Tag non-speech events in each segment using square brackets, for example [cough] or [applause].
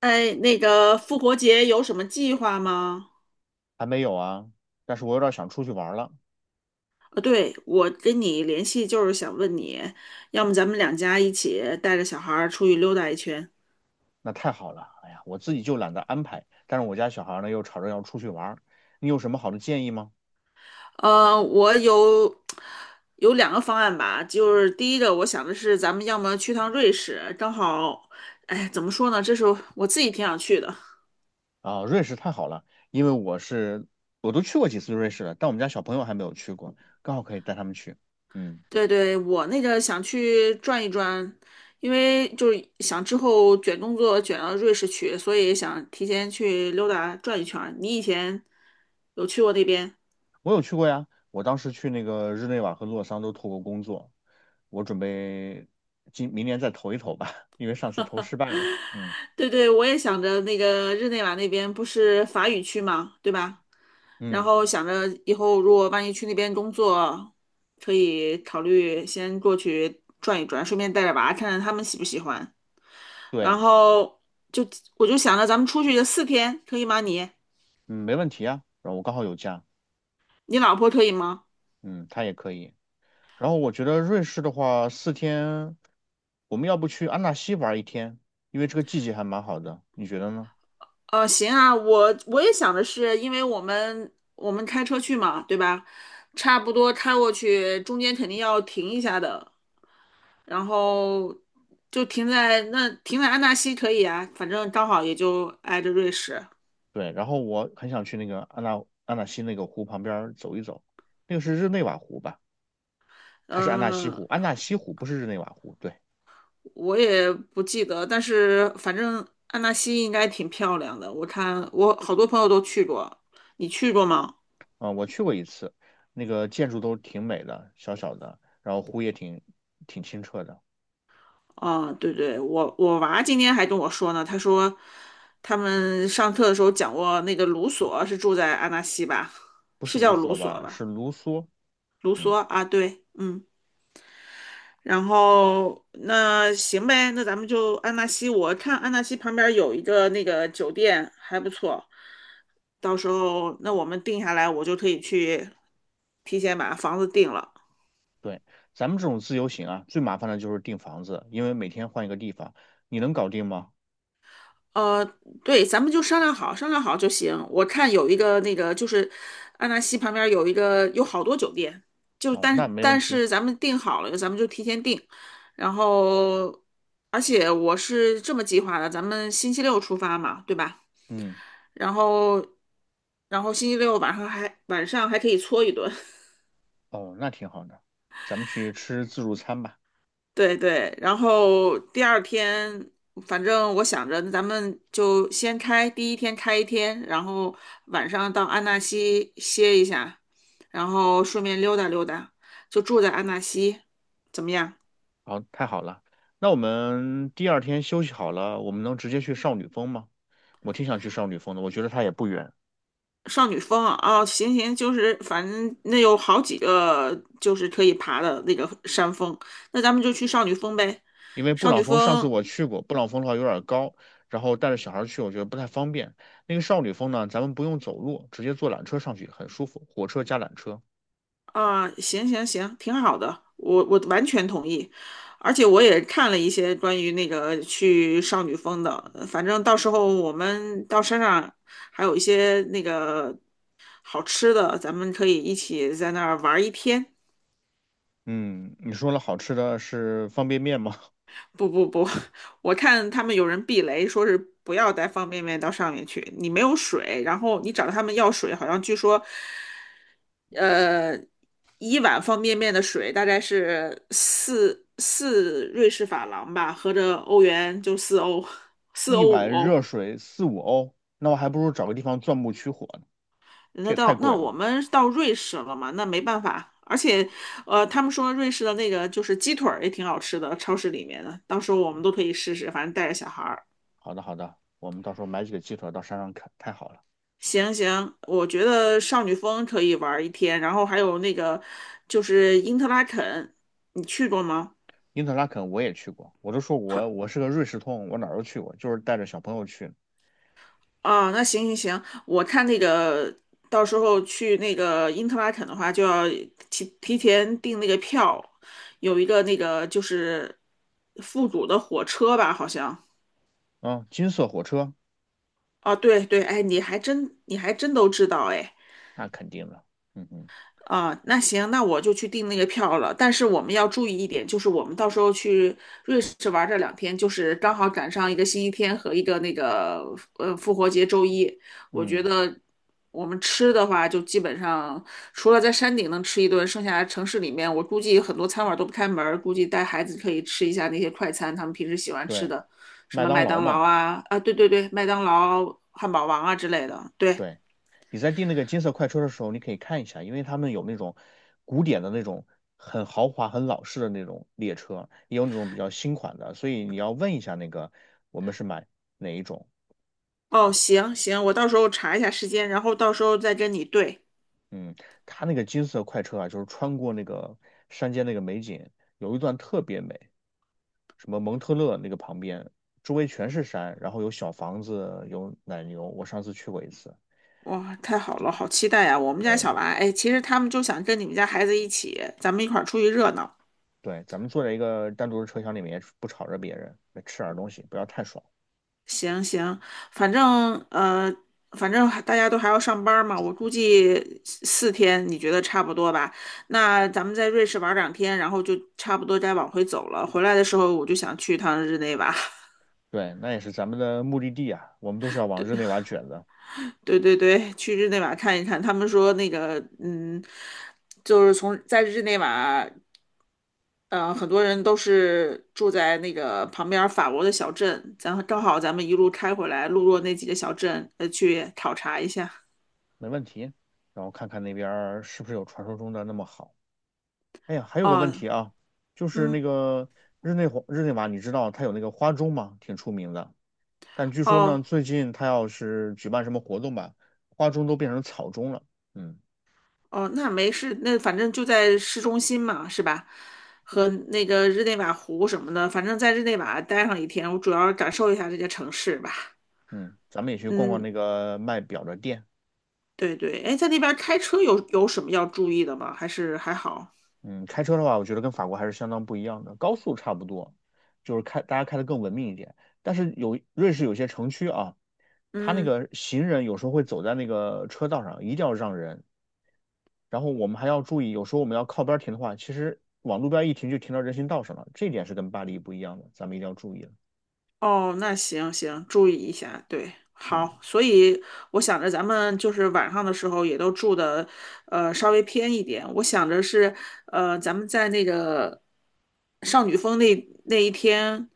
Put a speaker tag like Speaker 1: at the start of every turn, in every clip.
Speaker 1: 哎，那个复活节有什么计划吗？
Speaker 2: 还没有啊，但是我有点想出去玩了。
Speaker 1: 对，我跟你联系就是想问你，要么咱们两家一起带着小孩儿出去溜达一圈。
Speaker 2: 那太好了，哎呀，我自己就懒得安排，但是我家小孩呢又吵着要出去玩儿，你有什么好的建议吗？
Speaker 1: 我有有两个方案吧，就是第一个我想的是，咱们要么去趟瑞士，正好，哎，怎么说呢，这是我自己挺想去的。
Speaker 2: 啊，瑞士太好了，因为我都去过几次瑞士了，但我们家小朋友还没有去过，刚好可以带他们去。嗯，
Speaker 1: 对对，我那个想去转一转，因为就是想之后卷工作卷到瑞士去，所以想提前去溜达转一圈儿。你以前有去过那边？
Speaker 2: 我有去过呀，我当时去那个日内瓦和洛桑都投过工作，我准备今明年再投一投吧，[laughs] 因为上次投失败了。嗯
Speaker 1: [laughs] 对对，我也想着那个日内瓦那边不是法语区嘛，对吧？然
Speaker 2: 嗯，
Speaker 1: 后想着以后如果万一去那边工作，可以考虑先过去转一转，顺便带着娃看看他们喜不喜欢。然
Speaker 2: 对，
Speaker 1: 后就我就想着咱们出去四天，可以吗？你？
Speaker 2: 嗯，没问题啊，然后我刚好有假，
Speaker 1: 你老婆可以吗？
Speaker 2: 嗯，他也可以。然后我觉得瑞士的话，四天，我们要不去安纳西玩一天，因为这个季节还蛮好的，你觉得呢？
Speaker 1: 行啊，我也想的是，因为我们开车去嘛，对吧？差不多开过去，中间肯定要停一下的，然后就停在那，停在安纳西可以啊，反正刚好也就挨着瑞士。
Speaker 2: 对，然后我很想去那个安纳西那个湖旁边儿走一走，那个是日内瓦湖吧？还是安纳西
Speaker 1: 嗯、
Speaker 2: 湖？安纳西湖不是日内瓦湖，对，
Speaker 1: 我也不记得，但是反正安纳西应该挺漂亮的，我看我好多朋友都去过，你去过吗？
Speaker 2: 啊、我去过一次，那个建筑都挺美的，小小的，然后湖也挺清澈的，
Speaker 1: 啊，对对，我我娃今天还跟我说呢，他说他们上课的时候讲过那个卢索是住在安纳西吧，
Speaker 2: 不
Speaker 1: 是
Speaker 2: 是卢
Speaker 1: 叫卢
Speaker 2: 梭
Speaker 1: 索
Speaker 2: 吧？是
Speaker 1: 吧？
Speaker 2: 卢梭，
Speaker 1: 卢
Speaker 2: 嗯，
Speaker 1: 索啊，对，嗯，然后那行呗，那咱们就安纳西，我看安纳西旁边有一个那个酒店还不错，到时候那我们定下来，我就可以去提前把房子定了。
Speaker 2: 对。咱们这种自由行啊，最麻烦的就是订房子，因为每天换一个地方，你能搞定吗？
Speaker 1: 呃，对，咱们就商量好，商量好就行。我看有一个那个，就是安纳西旁边有一个，有好多酒店，就
Speaker 2: 哦，那
Speaker 1: 但
Speaker 2: 没问
Speaker 1: 但
Speaker 2: 题。
Speaker 1: 是咱们定好了，咱们就提前定。然后，而且我是这么计划的，咱们星期六出发嘛，对吧？
Speaker 2: 嗯，
Speaker 1: 然后，然后星期六晚上还可以搓一顿。
Speaker 2: 哦，那挺好的，咱们去吃自助餐吧。
Speaker 1: 对对，然后第二天，反正我想着，那咱们就先开，第一天开一天，然后晚上到安纳西歇一下，然后顺便溜达溜达，就住在安纳西，怎么样？
Speaker 2: 好，太好了。那我们第二天休息好了，我们能直接去少女峰吗？我挺想去少女峰的，我觉得它也不远，
Speaker 1: 少女峰啊，哦，行行，就是反正那有好几个就是可以爬的那个山峰，那咱们就去少女峰呗。
Speaker 2: 因为布
Speaker 1: 少
Speaker 2: 朗
Speaker 1: 女
Speaker 2: 峰上次
Speaker 1: 峰
Speaker 2: 我去过，布朗峰的话有点高，然后带着小孩去我觉得不太方便。那个少女峰呢，咱们不用走路，直接坐缆车上去，很舒服，火车加缆车。
Speaker 1: 啊，行行行，挺好的，我完全同意，而且我也看了一些关于那个去少女峰的，反正到时候我们到山上还有一些那个好吃的，咱们可以一起在那儿玩一天。
Speaker 2: 嗯，你说了好吃的是方便面吗？
Speaker 1: 不不不，[laughs] 我看他们有人避雷，说是不要带方便面到上面去，你没有水，然后你找他们要水，好像据说，呃，一碗方便面的水大概是四瑞士法郎吧，合着欧元就四欧，
Speaker 2: [laughs]
Speaker 1: 四
Speaker 2: 一
Speaker 1: 欧五
Speaker 2: 碗
Speaker 1: 欧。
Speaker 2: 热水四五欧，那我还不如找个地方钻木取火
Speaker 1: 那
Speaker 2: 这也太
Speaker 1: 到那
Speaker 2: 贵了。
Speaker 1: 我们到瑞士了嘛，那没办法，而且，他们说瑞士的那个就是鸡腿儿也挺好吃的，超市里面的，到时候我们都可以试试，反正带着小孩儿。
Speaker 2: 好的，好的，我们到时候买几个鸡腿到山上啃，太好了。
Speaker 1: 行行，我觉得少女峰可以玩一天，然后还有那个就是因特拉肯，你去过吗？
Speaker 2: 因特拉肯我也去过，我都说
Speaker 1: 好
Speaker 2: 我是个瑞士通，我哪儿都去过，就是带着小朋友去的。
Speaker 1: 啊，那行行行，我看那个到时候去那个因特拉肯的话，就要提前订那个票，有一个那个就是复古的火车吧，好像。
Speaker 2: 嗯，金色火车
Speaker 1: 啊，对对，哎，你还真都知道哎。
Speaker 2: 那肯定的，嗯嗯
Speaker 1: 啊，那行，那我就去订那个票了。但是我们要注意一点，就是我们到时候去瑞士玩这两天，就是刚好赶上一个星期天和一个那个复活节周一。我觉
Speaker 2: 嗯，
Speaker 1: 得我们吃的话，就基本上除了在山顶能吃一顿，剩下城市里面，我估计很多餐馆都不开门儿，估计带孩子可以吃一下那些快餐，他们平时喜欢吃
Speaker 2: 对，
Speaker 1: 的，什
Speaker 2: 麦
Speaker 1: 么
Speaker 2: 当
Speaker 1: 麦
Speaker 2: 劳
Speaker 1: 当劳
Speaker 2: 嘛，
Speaker 1: 啊，啊，对对对，麦当劳、汉堡王啊之类的，对。
Speaker 2: 对。你在订那个金色快车的时候，你可以看一下，因为他们有那种古典的那种很豪华、很老式的那种列车，也有那种比较新款的，所以你要问一下那个我们是买哪一种。
Speaker 1: 哦，行行，我到时候查一下时间，然后到时候再跟你对。
Speaker 2: 嗯，它那个金色快车啊，就是穿过那个山间那个美景，有一段特别美，什么蒙特勒那个旁边，周围全是山，然后有小房子，有奶牛。我上次去过一次，
Speaker 1: 哇，太好了，好期待呀！我们家
Speaker 2: 对
Speaker 1: 小娃，哎，其实他们就想跟你们家孩子一起，咱们一块儿出去热闹。
Speaker 2: 对，咱们坐在一个单独的车厢里面，不吵着别人，吃点东西，不要太爽。
Speaker 1: 行行，反正呃，反正还大家都还要上班儿嘛，我估计四天，你觉得差不多吧？那咱们在瑞士玩儿两天，然后就差不多该往回走了。回来的时候，我就想去趟日内瓦。[laughs]
Speaker 2: 对，那也是咱们的目的地啊，我们都是要往日内瓦卷的，
Speaker 1: 对对对，去日内瓦看一看。他们说那个，嗯，就是从在日内瓦，嗯，很多人都是住在那个旁边儿法国的小镇，咱正好咱们一路开回来，路过那几个小镇，去考察一下。
Speaker 2: 没问题。然后看看那边儿是不是有传说中的那么好。哎呀，还有个问
Speaker 1: 哦，
Speaker 2: 题啊，就是那
Speaker 1: 嗯，
Speaker 2: 个日内瓦，你知道它有那个花钟吗？挺出名的。但据说呢，
Speaker 1: 哦
Speaker 2: 最近它要是举办什么活动吧，花钟都变成草钟了。嗯
Speaker 1: 哦，那没事，那反正就在市中心嘛，是吧？和那个日内瓦湖什么的，反正在日内瓦待上一天，我主要感受一下这个城市吧。
Speaker 2: 嗯，咱们也去逛逛
Speaker 1: 嗯，
Speaker 2: 那个卖表的店。
Speaker 1: 对对，哎，在那边开车有什么要注意的吗？还是还好？
Speaker 2: 嗯，开车的话，我觉得跟法国还是相当不一样的，高速差不多，就是大家开的更文明一点。但是有瑞士有些城区啊，它那
Speaker 1: 嗯，
Speaker 2: 个行人有时候会走在那个车道上，一定要让人，然后我们还要注意，有时候我们要靠边停的话，其实往路边一停就停到人行道上了，这点是跟巴黎不一样的，咱们一定要注意了。
Speaker 1: 哦，那行行，注意一下。对，
Speaker 2: 嗯
Speaker 1: 好，所以我想着咱们就是晚上的时候也都住的，稍微偏一点。我想着是，咱们在那个少女峰那那一天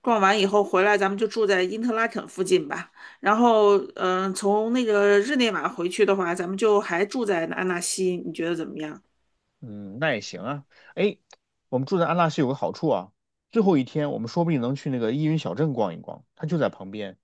Speaker 1: 逛完以后回来，咱们就住在因特拉肯附近吧。然后，嗯、从那个日内瓦回去的话，咱们就还住在安纳西，你觉得怎么样？
Speaker 2: 嗯，那也行啊。哎，我们住在安纳西有个好处啊，最后一天我们说不定能去那个依云小镇逛一逛，它就在旁边。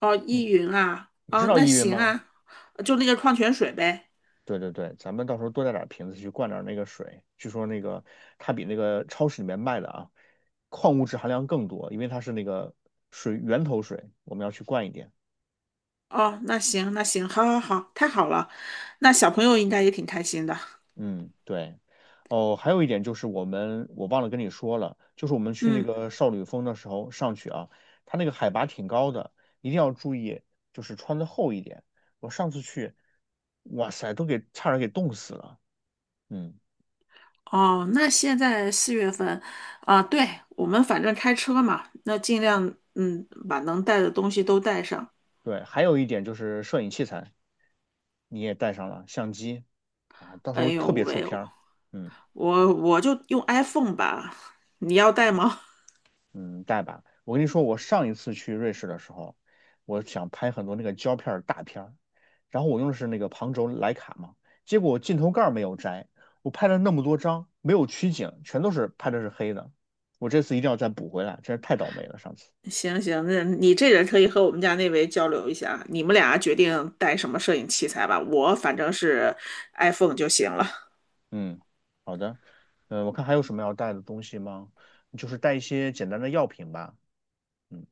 Speaker 1: 哦，依
Speaker 2: 你
Speaker 1: 云啊，
Speaker 2: 你知
Speaker 1: 哦，
Speaker 2: 道
Speaker 1: 那
Speaker 2: 依云
Speaker 1: 行
Speaker 2: 吗？
Speaker 1: 啊，就那个矿泉水呗。
Speaker 2: 对对对，咱们到时候多带点瓶子去灌点那个水，据说那个它比那个超市里面卖的啊，矿物质含量更多，因为它是那个水源头水，我们要去灌一点。
Speaker 1: 哦，那行，那行，好，好，好，太好了。那小朋友应该也挺开心的。
Speaker 2: 嗯，对。哦，还有一点就是我忘了跟你说了，就是我们去那
Speaker 1: 嗯，
Speaker 2: 个少女峰的时候上去啊，它那个海拔挺高的，一定要注意，就是穿的厚一点。我上次去，哇塞，都给差点给冻死了。嗯，
Speaker 1: 哦，那现在四月份，啊，对，我们反正开车嘛，那尽量嗯把能带的东西都带上。
Speaker 2: 对。还有一点就是摄影器材，你也带上了相机啊，到时
Speaker 1: 哎
Speaker 2: 候
Speaker 1: 呦
Speaker 2: 特别出
Speaker 1: 喂，
Speaker 2: 片儿。嗯。
Speaker 1: 我就用 iPhone 吧，你要带吗？
Speaker 2: 嗯，带吧。我跟你说，我上一次去瑞士的时候，我想拍很多那个胶片儿大片儿，然后我用的是那个旁轴徕卡嘛，结果我镜头盖儿没有摘，我拍了那么多张，没有取景，全都是拍的是黑的。我这次一定要再补回来，真是太倒霉了，上次。
Speaker 1: 行行，那你这人可以和我们家那位交流一下，你们俩决定带什么摄影器材吧。我反正是 iPhone 就行了。
Speaker 2: 嗯，好的。嗯，我看还有什么要带的东西吗？就是带一些简单的药品吧。嗯。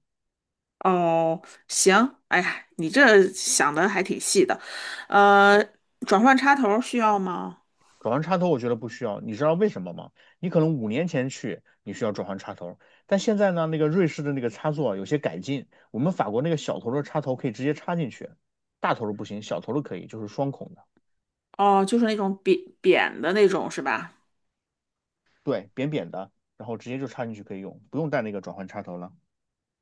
Speaker 1: 哦，行，哎呀，你这想的还挺细的。呃，转换插头需要吗？
Speaker 2: 转换插头我觉得不需要，你知道为什么吗？你可能5年前去你需要转换插头，但现在呢，那个瑞士的那个插座啊有些改进，我们法国那个小头的插头可以直接插进去，大头的不行，小头的可以，就是双孔的，
Speaker 1: 哦，就是那种扁扁的那种是吧？
Speaker 2: 对，扁扁的，然后直接就插进去可以用，不用带那个转换插头了，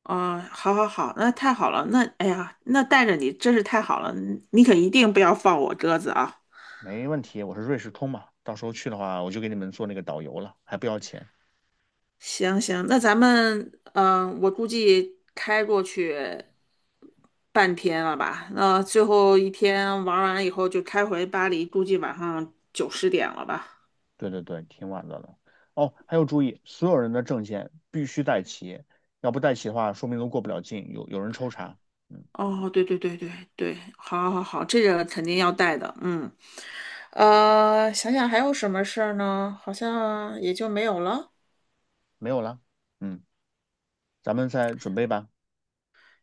Speaker 1: 哦，好好好，那太好了。那哎呀，那带着你真是太好了，你可一定不要放我鸽子啊。
Speaker 2: 没问题。我是瑞士通嘛，到时候去的话我就给你们做那个导游了，还不要钱。
Speaker 1: 行行，那咱们我估计开过去半天了吧？那最后一天玩完以后就开回巴黎，估计晚上九十点了吧？
Speaker 2: 对对对，挺晚的了。哦，还有注意，所有人的证件必须带齐，要不带齐的话，说明都过不了境，有人抽查。嗯。
Speaker 1: 哦，对对对对对，好，好，好，这个肯定要带的。嗯，想想还有什么事儿呢？好像也就没有了。
Speaker 2: 没有了。嗯，咱们再准备吧。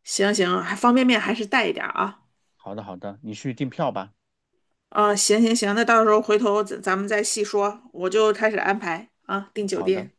Speaker 1: 行行，还方便面还是带一点儿啊。
Speaker 2: 好的，好的，你去订票吧。
Speaker 1: 啊、行行行，那到时候回头咱们再细说，我就开始安排啊，订酒
Speaker 2: 好的。
Speaker 1: 店。